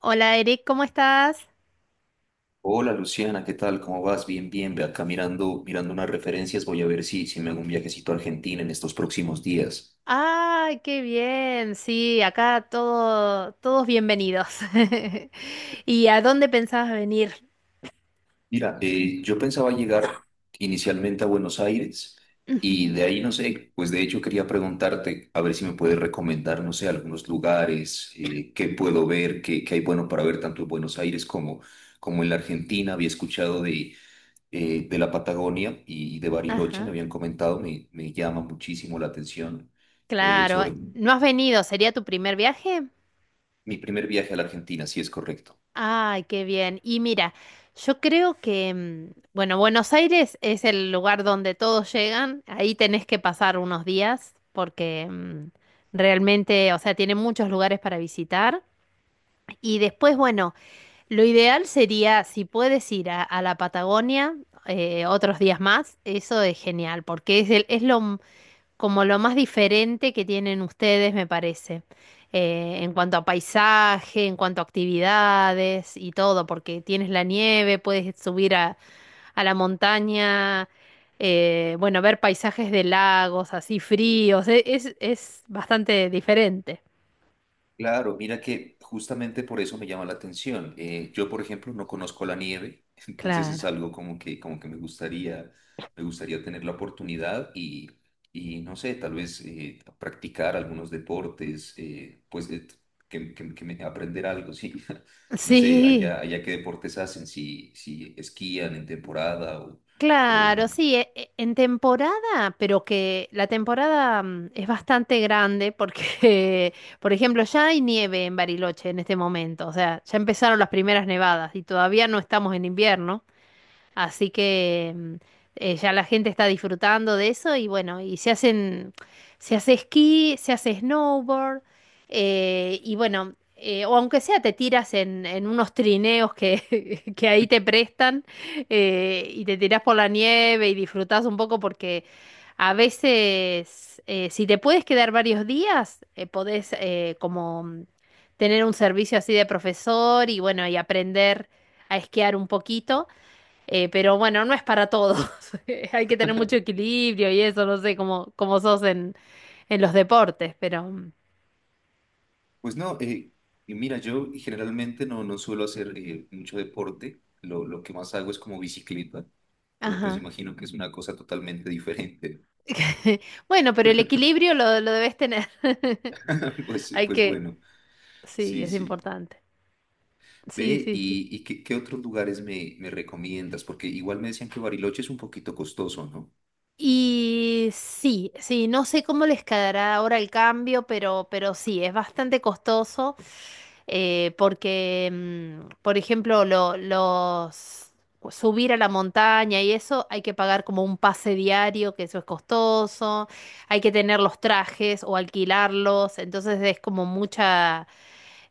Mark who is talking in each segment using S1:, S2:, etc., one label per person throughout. S1: Hola Eric, ¿cómo estás?
S2: Hola Luciana, ¿qué tal? ¿Cómo vas? Bien, bien. Ve acá mirando, mirando unas referencias. Voy a ver si me hago un viajecito a Argentina en estos próximos días.
S1: Ay, qué bien. Sí, acá todo, todos bienvenidos. ¿Y a dónde pensabas venir?
S2: Mira, yo pensaba llegar inicialmente a Buenos Aires, y
S1: Ujú.
S2: de ahí no sé, pues de hecho quería preguntarte a ver si me puedes recomendar, no sé, algunos lugares, qué puedo ver, qué hay bueno para ver tanto en Buenos Aires como, como en la Argentina. Había escuchado de la Patagonia y de Bariloche, me
S1: Ajá,
S2: habían comentado, me llama muchísimo la atención
S1: claro.
S2: sobre.
S1: ¿No has venido? ¿Sería tu primer viaje?
S2: Mi primer viaje a la Argentina, sí es correcto.
S1: Ay, qué bien. Y mira, yo creo que, mm, bueno, Buenos Aires es el lugar donde todos llegan. Ahí tenés que pasar unos días porque realmente, o sea, tiene muchos lugares para visitar. Y después, bueno, lo ideal sería, si puedes ir a la Patagonia otros días más, eso es genial, porque es, como lo más diferente que tienen ustedes, me parece, en cuanto a paisaje, en cuanto a actividades y todo, porque tienes la nieve, puedes subir a la montaña, bueno, ver paisajes de lagos así fríos, es bastante diferente.
S2: Claro, mira que justamente por eso me llama la atención. Yo, por ejemplo, no conozco la nieve, entonces es
S1: Claro.
S2: algo como que me gustaría tener la oportunidad y no sé, tal vez practicar algunos deportes, pues aprender algo, sí. No sé,
S1: Sí.
S2: allá qué deportes hacen, si esquían en temporada o
S1: Claro,
S2: no.
S1: sí, en temporada, pero que la temporada es bastante grande porque, por ejemplo, ya hay nieve en Bariloche en este momento, o sea, ya empezaron las primeras nevadas y todavía no estamos en invierno. Así que ya la gente está disfrutando de eso y bueno, y se hace esquí, se hace snowboard, y bueno, o aunque sea te tiras en unos trineos que, que ahí te prestan, y te tiras por la nieve y disfrutás un poco porque a veces si te puedes quedar varios días, podés como tener un servicio así de profesor y bueno, y aprender a esquiar un poquito. Pero bueno, no es para todos. Hay que tener mucho equilibrio y eso, no sé, cómo sos en los deportes, pero... mm,
S2: Pues no, y mira, yo generalmente no, no suelo hacer mucho deporte, lo que más hago es como bicicleta, pero pues
S1: ajá.
S2: imagino que es una cosa totalmente diferente.
S1: Bueno, pero el equilibrio lo debes tener.
S2: Pues,
S1: Hay
S2: pues
S1: que...
S2: bueno,
S1: Sí,
S2: sí,
S1: es
S2: sí.
S1: importante. Sí,
S2: Ve,
S1: sí, sí.
S2: y qué, qué otros lugares me, me recomiendas? Porque igual me decían que Bariloche es un poquito costoso, ¿no?
S1: Y sí, sí, no sé cómo les quedará ahora el cambio, pero sí, es bastante costoso, porque, por ejemplo, los subir a la montaña y eso hay que pagar como un pase diario, que eso es costoso, hay que tener los trajes o alquilarlos, entonces es como mucha,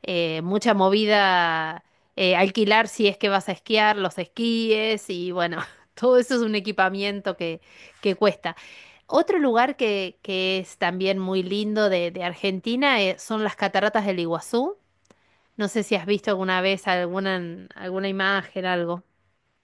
S1: mucha movida, alquilar si es que vas a esquiar, los esquíes y bueno, todo eso es un equipamiento que cuesta. Otro lugar que es también muy lindo de Argentina son las cataratas del Iguazú. No sé si has visto alguna vez alguna, alguna imagen, algo.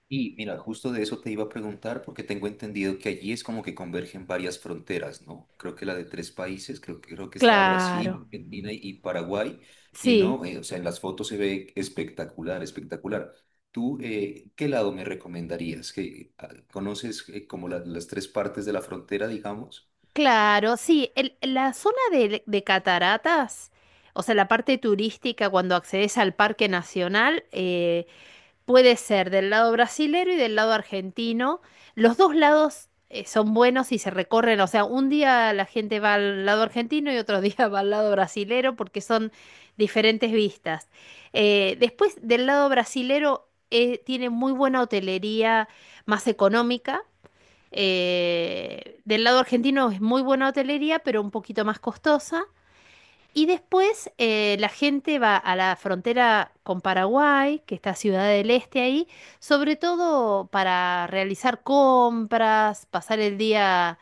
S2: Y mira, justo de eso te iba a preguntar porque tengo entendido que allí es como que convergen varias fronteras, ¿no? Creo que la de tres países, creo que está
S1: Claro,
S2: Brasil, Argentina y Paraguay, y
S1: sí,
S2: no. O sea, en las fotos se ve espectacular, espectacular. ¿Tú qué lado me recomendarías? ¿Que ah, conoces como las tres partes de la frontera, digamos?
S1: claro, sí. La zona de cataratas, o sea, la parte turística cuando accedes al Parque Nacional, puede ser del lado brasilero y del lado argentino. Los dos lados son buenos y se recorren. O sea, un día la gente va al lado argentino y otro día va al lado brasilero porque son diferentes vistas. Después, del lado brasilero tiene muy buena hotelería más económica. Del lado argentino es muy buena hotelería, pero un poquito más costosa. Y después la gente va a la frontera con Paraguay, que está Ciudad del Este ahí, sobre todo para realizar compras, pasar el día,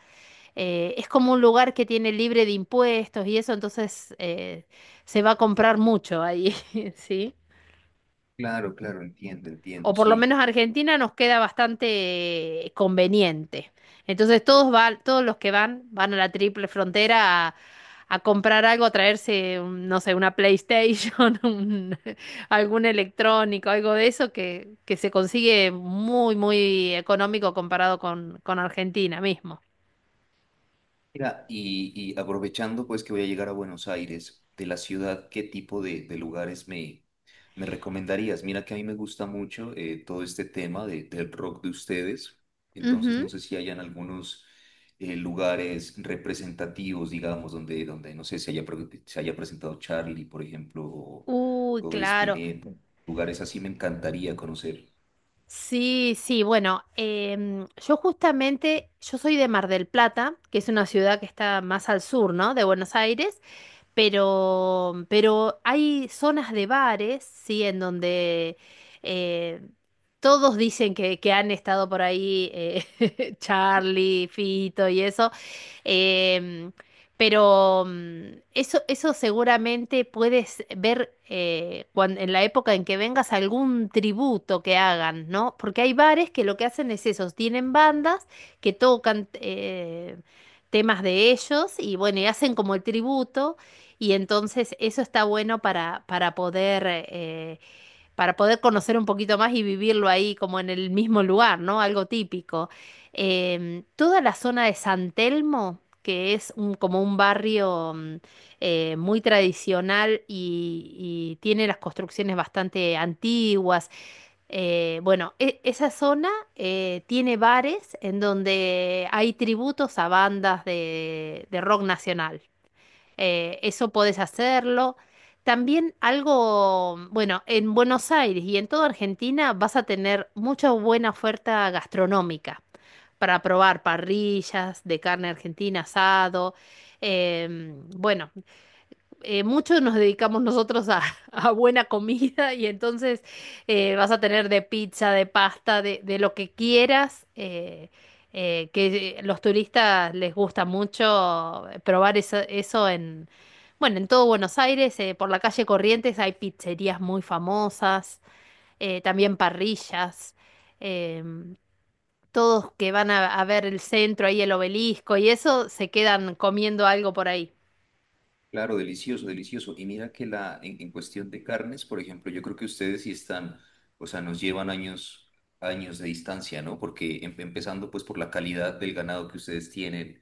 S1: es como un lugar que tiene libre de impuestos y eso, entonces se va a comprar mucho ahí, ¿sí?
S2: Claro, claro, entiendo,
S1: O
S2: entiendo,
S1: por lo
S2: sí.
S1: menos Argentina nos queda bastante conveniente. Entonces todos van, todos los que van van a la triple frontera a comprar algo, a traerse, no sé, una PlayStation, algún electrónico, algo de eso que se consigue muy, muy económico comparado con Argentina mismo.
S2: Mira, y aprovechando pues que voy a llegar a Buenos Aires, de la ciudad, ¿qué tipo de lugares me, me recomendarías? Mira que a mí me gusta mucho todo este tema del rock de ustedes, entonces
S1: Ujú.
S2: no sé si hayan algunos lugares representativos, digamos, donde, donde no sé, se haya, se haya presentado Charlie, por ejemplo,
S1: Uy,
S2: o
S1: claro.
S2: Spinetta, lugares así me encantaría conocer.
S1: Sí, sí, bueno, yo justamente, yo soy de Mar del Plata, que es una ciudad que está más al sur, ¿no? De Buenos Aires, pero hay zonas de bares, sí, en donde eh, todos dicen que han estado por ahí Charlie, Fito y eso. Em, pero eso, eso seguramente puedes ver en la época en que vengas algún tributo que hagan, ¿no? Porque hay bares que lo que hacen es eso, tienen bandas que tocan temas de ellos y bueno, y hacen como el tributo y entonces eso está bueno para poder conocer un poquito más y vivirlo ahí como en el mismo lugar, ¿no? Algo típico. Toda la zona de San Telmo, que es como un barrio muy tradicional y tiene las construcciones bastante antiguas. Bueno, esa zona tiene bares en donde hay tributos a bandas de rock nacional. Eso podés hacerlo. También algo, bueno, en Buenos Aires y en toda Argentina vas a tener mucha buena oferta gastronómica para probar parrillas de carne argentina, asado. Bueno, muchos nos dedicamos nosotros a, a buena comida y entonces vas a tener de pizza, de pasta, de lo que quieras, que los turistas les gusta mucho probar eso, eso en, bueno, en todo Buenos Aires, por la calle Corrientes hay pizzerías muy famosas, también parrillas. em, Todos que van a ver el centro, ahí el obelisco y eso, se quedan comiendo algo por ahí.
S2: Claro, delicioso, delicioso. Y mira que la, en cuestión de carnes, por ejemplo, yo creo que ustedes sí están, o sea, nos llevan años, años de distancia, ¿no? Porque empezando pues por la calidad del ganado que ustedes tienen,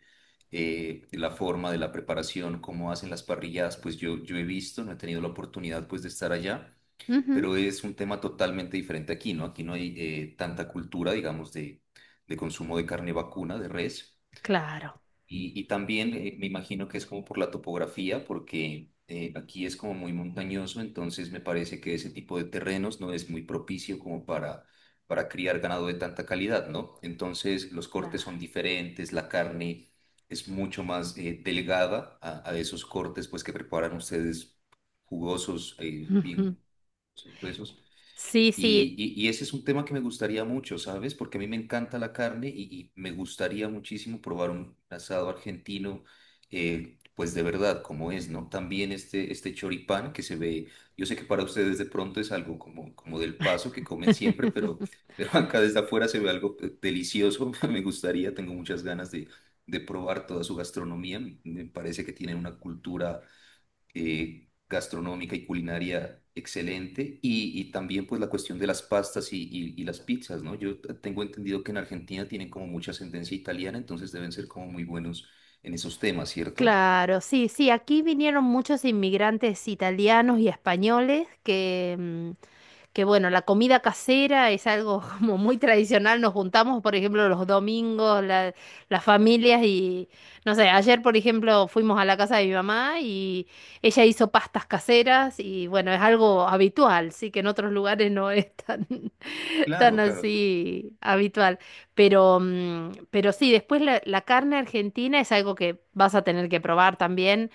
S2: de la forma de la preparación, cómo hacen las parrilladas, pues yo he visto, no he tenido la oportunidad pues de estar allá,
S1: Ujú,
S2: pero es un tema totalmente diferente aquí, ¿no? Aquí no hay tanta cultura, digamos, de consumo de carne vacuna, de res.
S1: claro.
S2: Y también me imagino que es como por la topografía, porque aquí es como muy montañoso, entonces me parece que ese tipo de terrenos no es muy propicio como para criar ganado de tanta calidad, ¿no? Entonces los cortes
S1: Claro.
S2: son diferentes, la carne es mucho más delgada a esos cortes pues que preparan ustedes jugosos,
S1: Ujú.
S2: bien pues, gruesos.
S1: Sí, sí,
S2: Y, y ese es un tema que me gustaría mucho, ¿sabes? Porque a mí me encanta la carne y me gustaría muchísimo probar un asado argentino, pues de verdad, como es, ¿no? También este choripán que se ve, yo sé que para ustedes de pronto es algo como, como del paso que comen siempre, pero acá desde afuera se ve algo delicioso, me gustaría, tengo muchas ganas de probar toda su gastronomía, me me parece que tienen una cultura gastronómica y culinaria excelente y también pues la cuestión de las pastas y, y las pizzas, ¿no? Yo tengo entendido que en Argentina tienen como mucha ascendencia italiana, entonces deben ser como muy buenos en esos temas, ¿cierto?
S1: claro, sí, sí, aquí vinieron muchos inmigrantes italianos y españoles que, que bueno, la comida casera es algo como muy tradicional. Nos juntamos, por ejemplo, los domingos, las familias y, no sé, ayer, por ejemplo, fuimos a la casa de mi mamá y ella hizo pastas caseras y bueno, es algo habitual, sí, que en otros lugares no es tan, tan
S2: Claro, claro.
S1: así habitual. Pero, pero sí, después la, la carne argentina es algo que vas a tener que probar también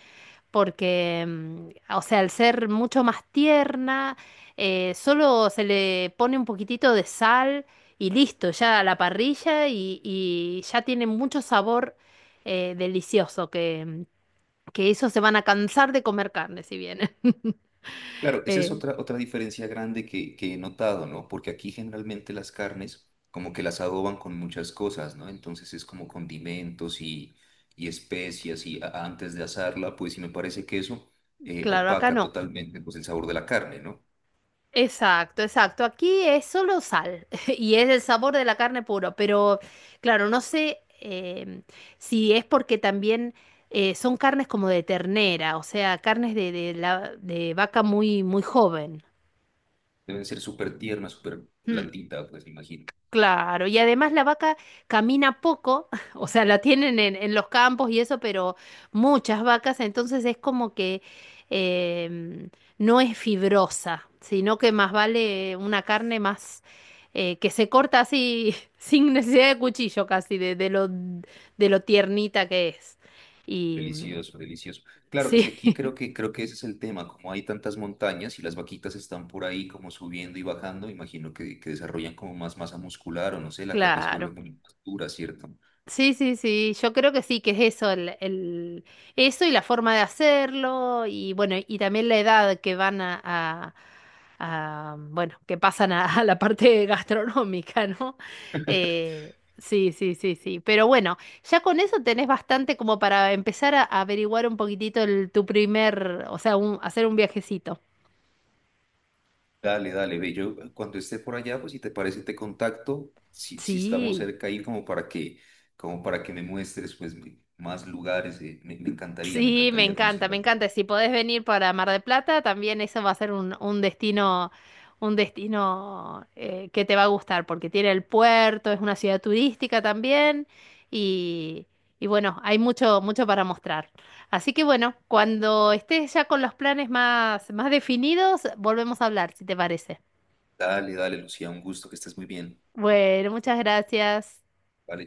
S1: porque, o sea, al ser mucho más tierna, solo se le pone un poquitito de sal y listo, ya a la parrilla y ya tiene mucho sabor, delicioso, que, que esos se van a cansar de comer carne si vienen.
S2: Claro, esa es
S1: Eh,
S2: otra, otra diferencia grande que he notado, ¿no? Porque aquí generalmente las carnes como que las adoban con muchas cosas, ¿no? Entonces es como condimentos y especias y antes de asarla, pues sí me parece que eso
S1: claro, acá
S2: opaca
S1: no.
S2: totalmente pues el sabor de la carne, ¿no?
S1: Exacto, exacto. Aquí es solo sal y es el sabor de la carne puro, pero claro, no sé, si es porque también son carnes como de ternera, o sea, carnes de la, de vaca muy, muy joven.
S2: Deben ser súper tierna, súper
S1: Mm.
S2: blandita, pues me imagino.
S1: Claro, y además la vaca camina poco, o sea, la tienen en los campos y eso, pero muchas vacas, entonces es como que em, no es fibrosa, sino que más vale una carne más, que se corta así sin necesidad de cuchillo casi, de lo tiernita que es. Y
S2: Delicioso, delicioso. Claro, es
S1: sí,
S2: que aquí creo que ese es el tema, como hay tantas montañas y las vaquitas están por ahí como subiendo y bajando, imagino que desarrollan como más masa muscular o no sé, la carne se vuelve
S1: claro.
S2: muy más dura, ¿cierto?
S1: Sí, sí, sí, yo creo que sí, que es eso, eso y la forma de hacerlo, y bueno, y también la edad que van a, bueno, que pasan a, a la parte gastronómica, ¿no? Sí, sí, sí, sí, pero bueno, ya con eso tenés bastante como para empezar a, averiguar un poquitito el, tu primer, o sea, hacer un viajecito.
S2: Dale, dale, ve, yo cuando esté por allá, pues si te parece te contacto, si estamos
S1: Sí.
S2: cerca ahí como para que me muestres pues más lugares, me, me
S1: Sí, me
S2: encantaría conocer.
S1: encanta, me encanta. Si podés venir para Mar del Plata, también eso va a ser un destino que te va a gustar, porque tiene el puerto, es una ciudad turística también, y, y bueno, hay mucho, mucho para mostrar. Así que bueno, cuando estés ya con los planes más, más definidos, volvemos a hablar, si te parece.
S2: Dale, dale, Lucía, un gusto, que estés muy bien.
S1: Bueno, muchas gracias.
S2: Vale.